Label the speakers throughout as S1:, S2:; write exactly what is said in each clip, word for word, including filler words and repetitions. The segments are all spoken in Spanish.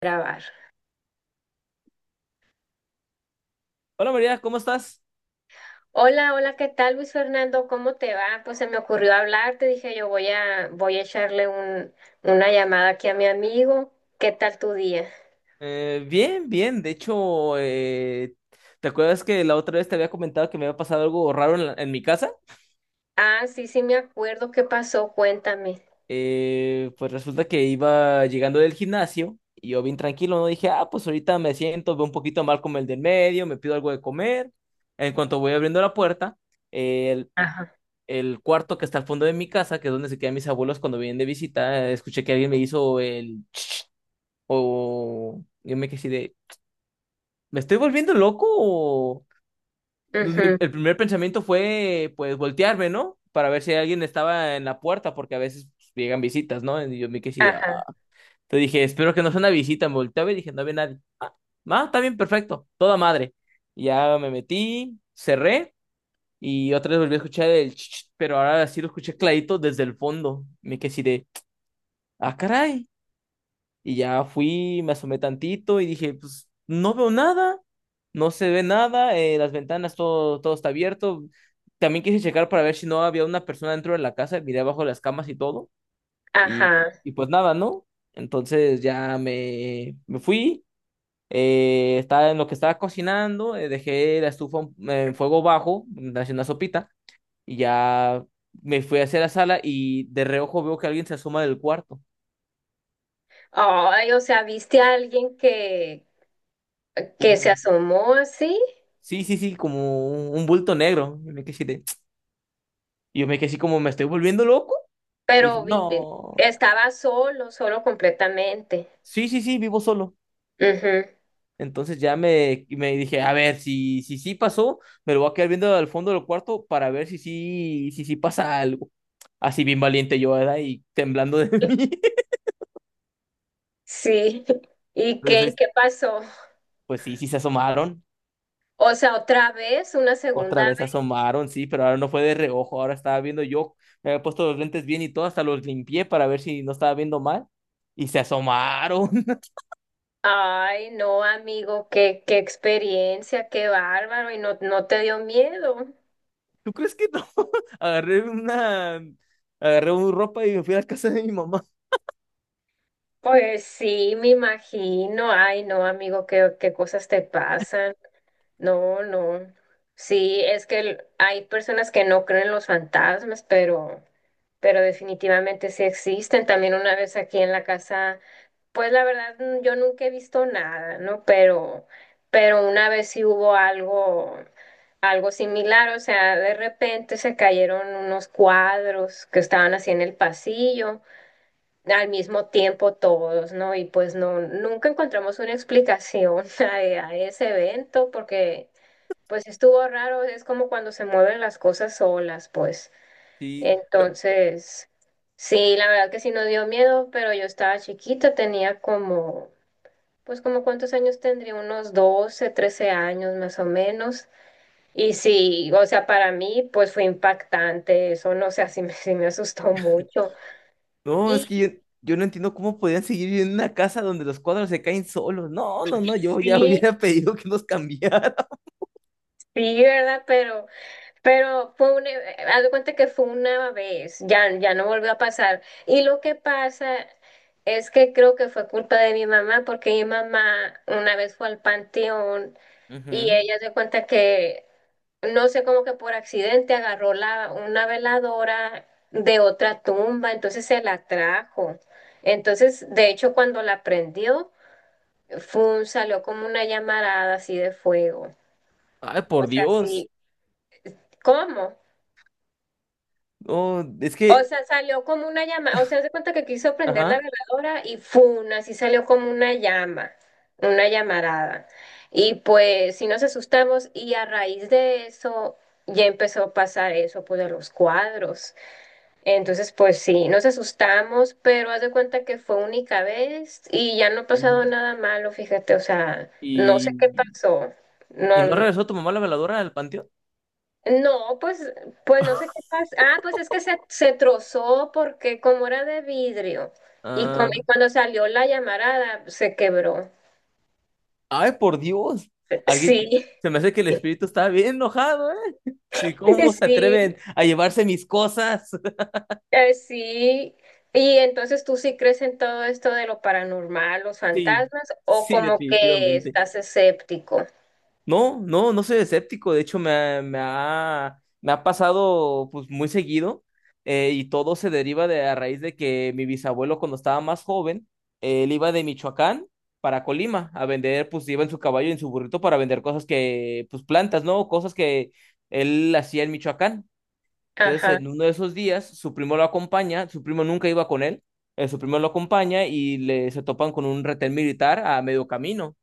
S1: Grabar.
S2: Hola María, ¿cómo estás?
S1: Hola, hola, ¿qué tal Luis Fernando? ¿Cómo te va? Pues se me ocurrió hablarte, dije yo voy a, voy a echarle un, una llamada aquí a mi amigo. ¿Qué tal tu día?
S2: Eh, bien, bien. De hecho, eh, ¿te acuerdas que la otra vez te había comentado que me había pasado algo raro en, la- en mi casa?
S1: Ah, sí, sí me acuerdo, qué pasó, cuéntame.
S2: Eh, pues resulta que iba llegando del gimnasio y yo bien tranquilo, ¿no? Dije, ah, pues ahorita me siento, veo un poquito mal como el del medio, me pido algo de comer. En cuanto voy abriendo la puerta, eh, el,
S1: Ajá.
S2: el cuarto que está al fondo de mi casa, que es donde se quedan mis abuelos cuando vienen de visita, eh, escuché que alguien me hizo el— O yo me quedé así de, ¿me estoy volviendo loco? O...? Mi-
S1: Ujú.
S2: El primer pensamiento fue, pues, voltearme, ¿no? Para ver si alguien estaba en la puerta, porque a veces pues, llegan visitas, ¿no? Y yo me quedé así de, "Ah".
S1: Ajá,
S2: Te dije, espero que no sea una visita. Me volteaba y dije, no había nadie. Ah, ah, está bien, perfecto, toda madre. Y ya me metí, cerré y otra vez volví a escuchar el ch, ch, pero ahora sí lo escuché clarito desde el fondo. Me quedé así de, ah, caray. Y ya fui, me asomé tantito y dije, pues no veo nada, no se ve nada, eh, las ventanas, todo, todo está abierto. También quise checar para ver si no había una persona dentro de la casa, miré abajo de las camas y todo, y,
S1: ajá.
S2: y pues nada, ¿no? Entonces ya me, me fui, eh, estaba en lo que estaba cocinando, eh, dejé la estufa en en fuego bajo, haciendo una sopita, y ya me fui hacia la sala y de reojo veo que alguien se asoma del cuarto.
S1: Ay, o sea, ¿viste a alguien que, que se asomó así?
S2: Sí, sí, sí, como un, un bulto negro. Y me quedé así de- y yo me quedé así como, ¿me estoy volviendo loco? Y dije,
S1: Pero vive,
S2: no.
S1: estaba solo, solo completamente.
S2: Sí, sí, sí, vivo solo.
S1: Ujú.
S2: Entonces ya me, me dije, a ver, si, si sí pasó, me lo voy a quedar viendo al fondo del cuarto para ver si sí, si sí pasa algo. Así bien valiente yo, ¿verdad? Y temblando de mí.
S1: Sí. ¿Y
S2: Entonces,
S1: qué, y
S2: ahí-
S1: qué pasó?
S2: pues sí, sí se asomaron.
S1: O sea, otra vez, una
S2: Otra
S1: segunda
S2: vez se
S1: vez.
S2: asomaron, sí, pero ahora no fue de reojo. Ahora estaba viendo yo. Me había puesto los lentes bien y todo, hasta los limpié para ver si no estaba viendo mal. Y se asomaron.
S1: Ay, no, amigo, qué, qué experiencia, qué bárbaro. ¿Y no, no te dio miedo?
S2: ¿Tú crees que no? Agarré una, agarré un ropa y me fui a la casa de mi mamá.
S1: Pues sí, me imagino. Ay, no, amigo, qué, qué cosas te pasan. No, no. Sí, es que el- hay personas que no creen en los fantasmas, pero, pero definitivamente sí existen. También una vez aquí en la casa. Pues la verdad, n- yo nunca he visto nada, ¿no? Pero, pero una vez sí hubo algo, algo similar. O sea, de repente se cayeron unos cuadros que estaban así en el pasillo, al mismo tiempo todos, ¿no? Y pues no, nunca encontramos una explicación a, a ese evento, porque pues estuvo raro, es como cuando se mueven las cosas solas, pues.
S2: Sí,
S1: Entonces, sí, la verdad que sí nos dio miedo, pero yo estaba chiquita, tenía como, pues como cuántos años tendría, unos doce, trece años más o menos. Y sí, o sea, para mí pues fue impactante eso, no sé, así me, sí me asustó mucho.
S2: no, es
S1: Y
S2: que yo, yo no entiendo cómo podían seguir viviendo en una casa donde los cuadros se caen solos. No, no, no, yo ya
S1: sí,
S2: hubiera pedido que nos cambiaran.
S1: sí, ¿verdad? Pero, pero fue una, eh, haz de cuenta que fue una vez, ya, ya no volvió a pasar. Y lo que pasa es que creo que fue culpa de mi mamá, porque mi mamá una vez fue al panteón. Y
S2: Ujú.
S1: ella se cuenta que no sé, como que por accidente agarró la, una veladora de otra tumba, entonces se la trajo. Entonces, de hecho, cuando la prendió, fue, salió como una llamarada así de fuego.
S2: Ay,
S1: O
S2: por
S1: sea,
S2: Dios.
S1: sí, ¿cómo?
S2: No, es
S1: O
S2: que,
S1: sea, salió como una llama, o sea, se cuenta que quiso prender la
S2: ajá.
S1: veladora y fun, así salió como una llama, una llamarada. Y pues sí nos asustamos y a raíz de eso ya empezó a pasar eso, pues de los cuadros. Entonces, pues sí, nos asustamos, pero haz de cuenta que fue única vez y ya no ha pasado
S2: Ujú.
S1: nada malo, fíjate, o sea, no sé
S2: ¿Y,
S1: qué pasó.
S2: y no
S1: No,
S2: regresó tu mamá la veladora al panteón?
S1: no, pues, pues no sé qué pasó. Ah, pues es que se, se trozó porque como era de vidrio y con-
S2: Ah,
S1: y cuando salió la llamarada se quebró.
S2: ay, por Dios. Alguien,
S1: Sí,
S2: se me hace que el espíritu está bien enojado, ¿eh? Sí, ¿cómo se
S1: sí,
S2: atreven a llevarse mis cosas?
S1: eh, sí. Y entonces tú sí crees en todo esto de lo paranormal, los
S2: Sí,
S1: fantasmas, o
S2: sí,
S1: como que
S2: definitivamente.
S1: estás escéptico.
S2: No, no, no soy escéptico. De hecho, me, ha, me ha me ha pasado pues muy seguido, eh, y todo se deriva de a raíz de que mi bisabuelo cuando estaba más joven, él iba de Michoacán para Colima a vender, pues iba en su caballo y en su burrito para vender cosas que, pues plantas, ¿no? Cosas que él hacía en Michoacán. Entonces,
S1: Ajá,
S2: en uno de esos días, su primo lo acompaña, su primo nunca iba con él, eh, su primo lo acompaña y le, se topan con un retén militar a medio camino.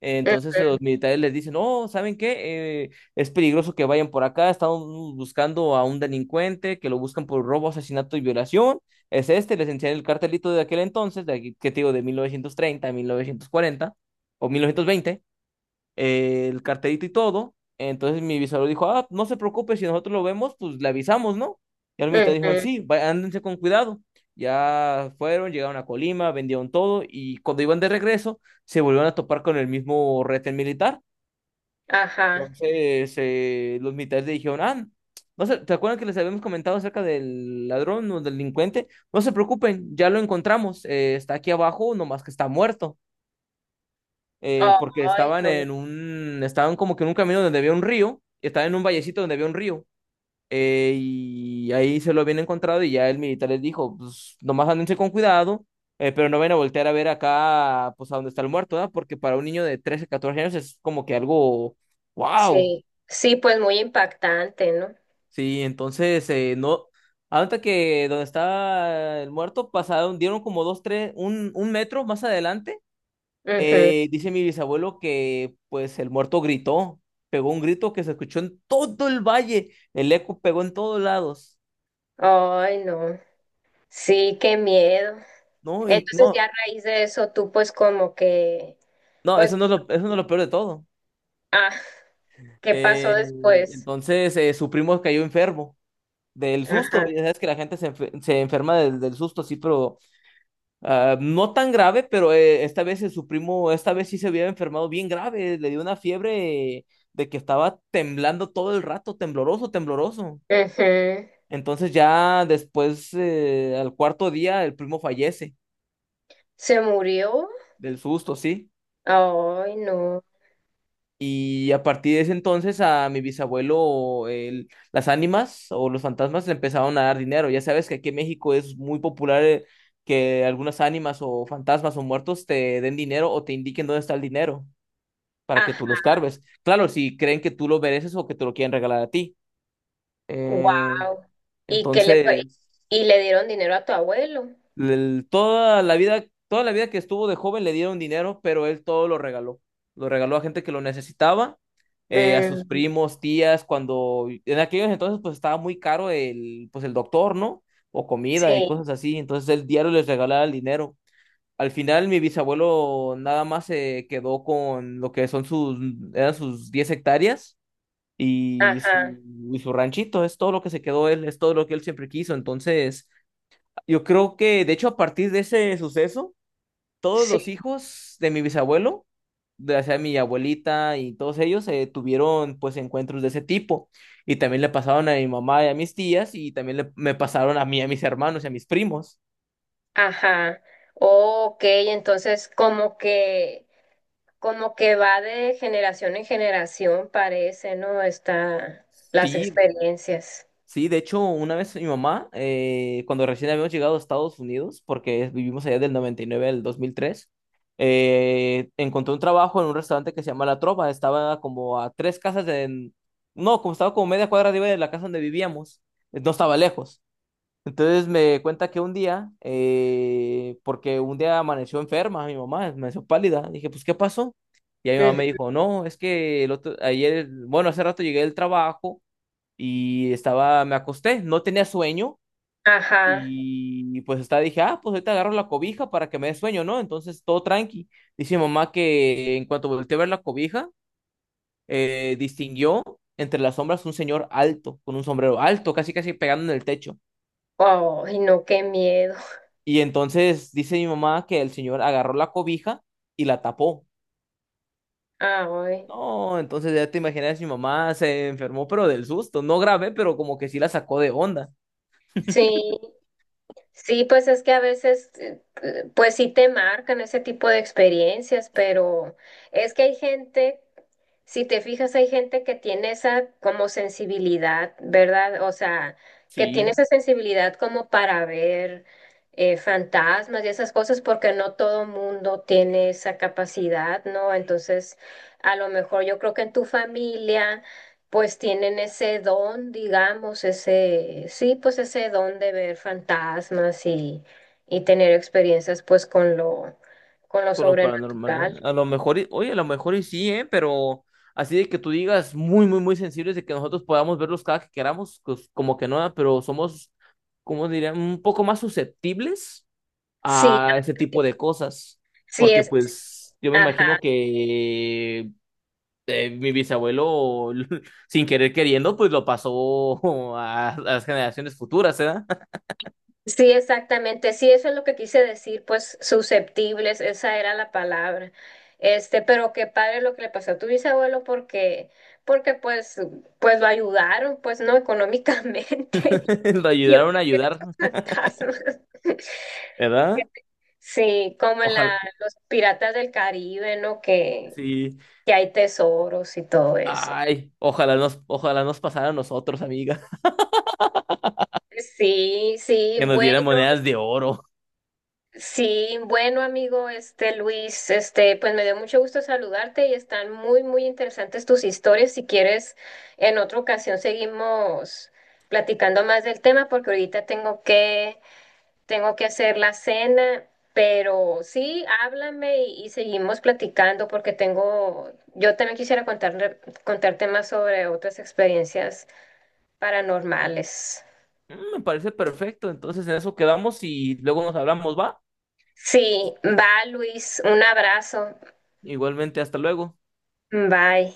S2: Eh,
S1: ujú,
S2: Entonces los militares les dicen, no, ¿saben qué? Eh, es peligroso que vayan por acá, estamos buscando a un delincuente que lo buscan por robo, asesinato y violación. Es este, les enseñan el cartelito de aquel entonces, de aquí, ¿qué te digo? De mil mil novecientos treinta, mil novecientos cuarenta o mil novecientos veinte, eh, el carterito y todo. Entonces mi bisabuelo dijo, ah, no se preocupe, si nosotros lo vemos, pues le avisamos, ¿no? Y al militar dijo,
S1: ujú,
S2: sí, va- ándense con cuidado. Ya fueron, llegaron a Colima, vendieron todo y cuando iban de regreso, se volvieron a topar con el mismo retén militar.
S1: ajá.
S2: Entonces eh, los militares le dijeron, ah, no se, ¿te acuerdan que les habíamos comentado acerca del ladrón o del delincuente? No se preocupen, ya lo encontramos, eh, está aquí abajo, nomás que está muerto, eh, porque
S1: Ay,
S2: estaban
S1: no.
S2: en un, estaban como que en un camino donde había un río, estaban en un vallecito donde había un río, eh, y ahí se lo habían encontrado y ya el militar les dijo, pues nomás ándense con cuidado, eh, pero no vayan a voltear a ver acá, pues a donde está el muerto, ¿verdad? Porque para un niño de trece catorce años es como que algo, wow,
S1: Sí, sí, pues muy impactante, ¿no?
S2: sí, entonces eh, no. Hasta que donde estaba el muerto pasaron, dieron como dos, tres, un, un metro más adelante.
S1: Ujú.
S2: Eh, dice mi bisabuelo que pues el muerto gritó, pegó un grito que se escuchó en todo el valle, el eco pegó en todos lados.
S1: Ay, no. Sí, qué miedo.
S2: No, y
S1: Entonces, ya
S2: no,
S1: a raíz de eso, tú pues como que,
S2: no, eso
S1: pues,
S2: no es lo, eso no es lo peor de todo.
S1: ah, ¿qué pasó
S2: Eh,
S1: después?
S2: entonces eh, su primo cayó enfermo del susto,
S1: Ajá.
S2: ya sabes que la gente se, enfe- se enferma del, del susto, sí, pero ah, no tan grave, pero eh, esta vez, eh, su primo, esta vez sí se había enfermado bien grave, le dio una fiebre, eh, de que estaba temblando todo el rato, tembloroso, tembloroso.
S1: Ujú.
S2: Entonces ya después, eh, al cuarto día, el primo fallece
S1: ¿Se murió?
S2: del susto, ¿sí?
S1: Ay, no.
S2: Y a partir de ese entonces a mi bisabuelo, el- las ánimas o los fantasmas le empezaron a dar dinero. Ya sabes que aquí en México es muy popular, eh, que algunas ánimas o fantasmas o muertos te den dinero o te indiquen dónde está el dinero para que tú
S1: Ajá.
S2: los carves. Claro, si creen que tú lo mereces o que te lo quieren regalar a ti. Eh,
S1: Wow. ¿Y qué le pa-
S2: entonces...
S1: y le dieron dinero a tu abuelo?
S2: el- Toda la vida, toda la vida que estuvo de joven le dieron dinero, pero él todo lo regaló. Lo regaló a gente que lo necesitaba, eh, a sus
S1: Mm,
S2: primos, tías, cuando en aquellos entonces pues estaba muy caro el, pues el doctor, ¿no? O comida y
S1: sí,
S2: cosas así. Entonces el diario les regalaba el dinero. Al final mi bisabuelo nada más se quedó con lo que son sus, eran sus diez hectáreas y
S1: ajá.
S2: su, y su ranchito. Es todo lo que se quedó él, es todo lo que él siempre quiso. Entonces. Yo creo que, de hecho, a partir de ese suceso, todos
S1: Sí.
S2: los hijos de mi bisabuelo, de, o sea, mi abuelita y todos ellos, eh, tuvieron pues encuentros de ese tipo. Y también le pasaron a mi mamá y a mis tías, y también le- me pasaron a mí, a mis hermanos y a mis primos.
S1: Ajá. Ok, entonces como que, como que va de generación en generación, parece, ¿no? Está las
S2: Sí,
S1: experiencias.
S2: sí, de hecho, una vez mi mamá, eh, cuando recién habíamos llegado a Estados Unidos, porque vivimos allá del noventa y nueve al dos mil tres, eh, encontró un trabajo en un restaurante que se llama La Trova. Estaba como a tres casas de— No, como estaba como media cuadra arriba de la casa donde vivíamos. Eh, No estaba lejos. Entonces me cuenta que un día, eh, porque un día amaneció enferma mi mamá, amaneció pálida. Dije, pues, ¿qué pasó? Y ahí mi mamá me
S1: Ujú.
S2: dijo, no, es que el otro, ayer, bueno, hace rato llegué del trabajo y estaba, me acosté, no tenía sueño
S1: Ajá.
S2: y, y pues estaba, dije, ah, pues ahorita agarro la cobija para que me dé sueño, ¿no? Entonces todo tranqui. Dice mi mamá que en cuanto volteé a ver la cobija, eh, distinguió entre las sombras un señor alto, con un sombrero alto, casi casi pegando en el techo.
S1: Ay, no, qué miedo.
S2: Y entonces dice mi mamá que el señor agarró la cobija y la tapó.
S1: Ay,
S2: No, entonces ya te imaginas, mi mamá se enfermó, pero del susto, no grave, pero como que sí la sacó de onda.
S1: sí. Sí, pues es que a veces, eh, eh, pues sí te marcan ese tipo de experiencias, pero es que hay gente, si te fijas, hay gente que tiene esa como sensibilidad, ¿verdad? O sea, que tiene
S2: Sí,
S1: esa sensibilidad como para ver eh, fantasmas y esas cosas, porque no todo mundo tiene esa capacidad, ¿no? Entonces, a lo mejor yo creo que en tu familia pues tienen ese don, digamos, ese, sí, pues ese don de ver fantasmas y, y tener experiencias pues con lo, con lo
S2: con lo paranormal. ¿Eh?
S1: sobrenatural.
S2: A lo mejor, y- oye, a lo mejor y sí, ¿eh? Pero así de que tú digas muy, muy, muy sensibles de que nosotros podamos verlos cada que queramos, pues como que no, ¿eh? Pero somos, ¿cómo diría? Un poco más susceptibles
S1: Sí,
S2: a ese tipo de cosas.
S1: sí
S2: Porque
S1: es,
S2: pues yo me
S1: ajá,
S2: imagino que, eh, mi bisabuelo, sin querer queriendo, pues lo pasó a, a las generaciones futuras, ¿eh?
S1: sí, exactamente, sí, eso es lo que quise decir, pues susceptibles, esa era la palabra. Este, pero qué padre lo que le pasó a tu bisabuelo porque, porque pues, pues lo ayudaron, pues, ¿no? Económicamente.
S2: Lo
S1: Yo
S2: ayudaron a
S1: quisiera
S2: ayudar,
S1: esos fantasmas.
S2: ¿verdad?
S1: Sí, como en la,
S2: Ojalá,
S1: los piratas del Caribe, ¿no? Que,
S2: sí.
S1: que hay tesoros y todo eso.
S2: Ay, ojalá nos, ojalá nos pasara a nosotros, amiga,
S1: Sí, sí,
S2: que nos
S1: bueno,
S2: dieran monedas de oro.
S1: sí, bueno, amigo, este Luis, este, pues me dio mucho gusto saludarte y están muy, muy interesantes tus historias. Si quieres, en otra ocasión seguimos platicando más del tema porque ahorita tengo que tengo que hacer la cena, pero sí, háblame y, y seguimos platicando porque tengo, yo también quisiera contar, contarte más sobre otras experiencias paranormales.
S2: Mm, me parece perfecto. Entonces en eso quedamos y luego nos hablamos, ¿va?
S1: Sí, va Luis, un abrazo,
S2: Igualmente, hasta luego.
S1: bye.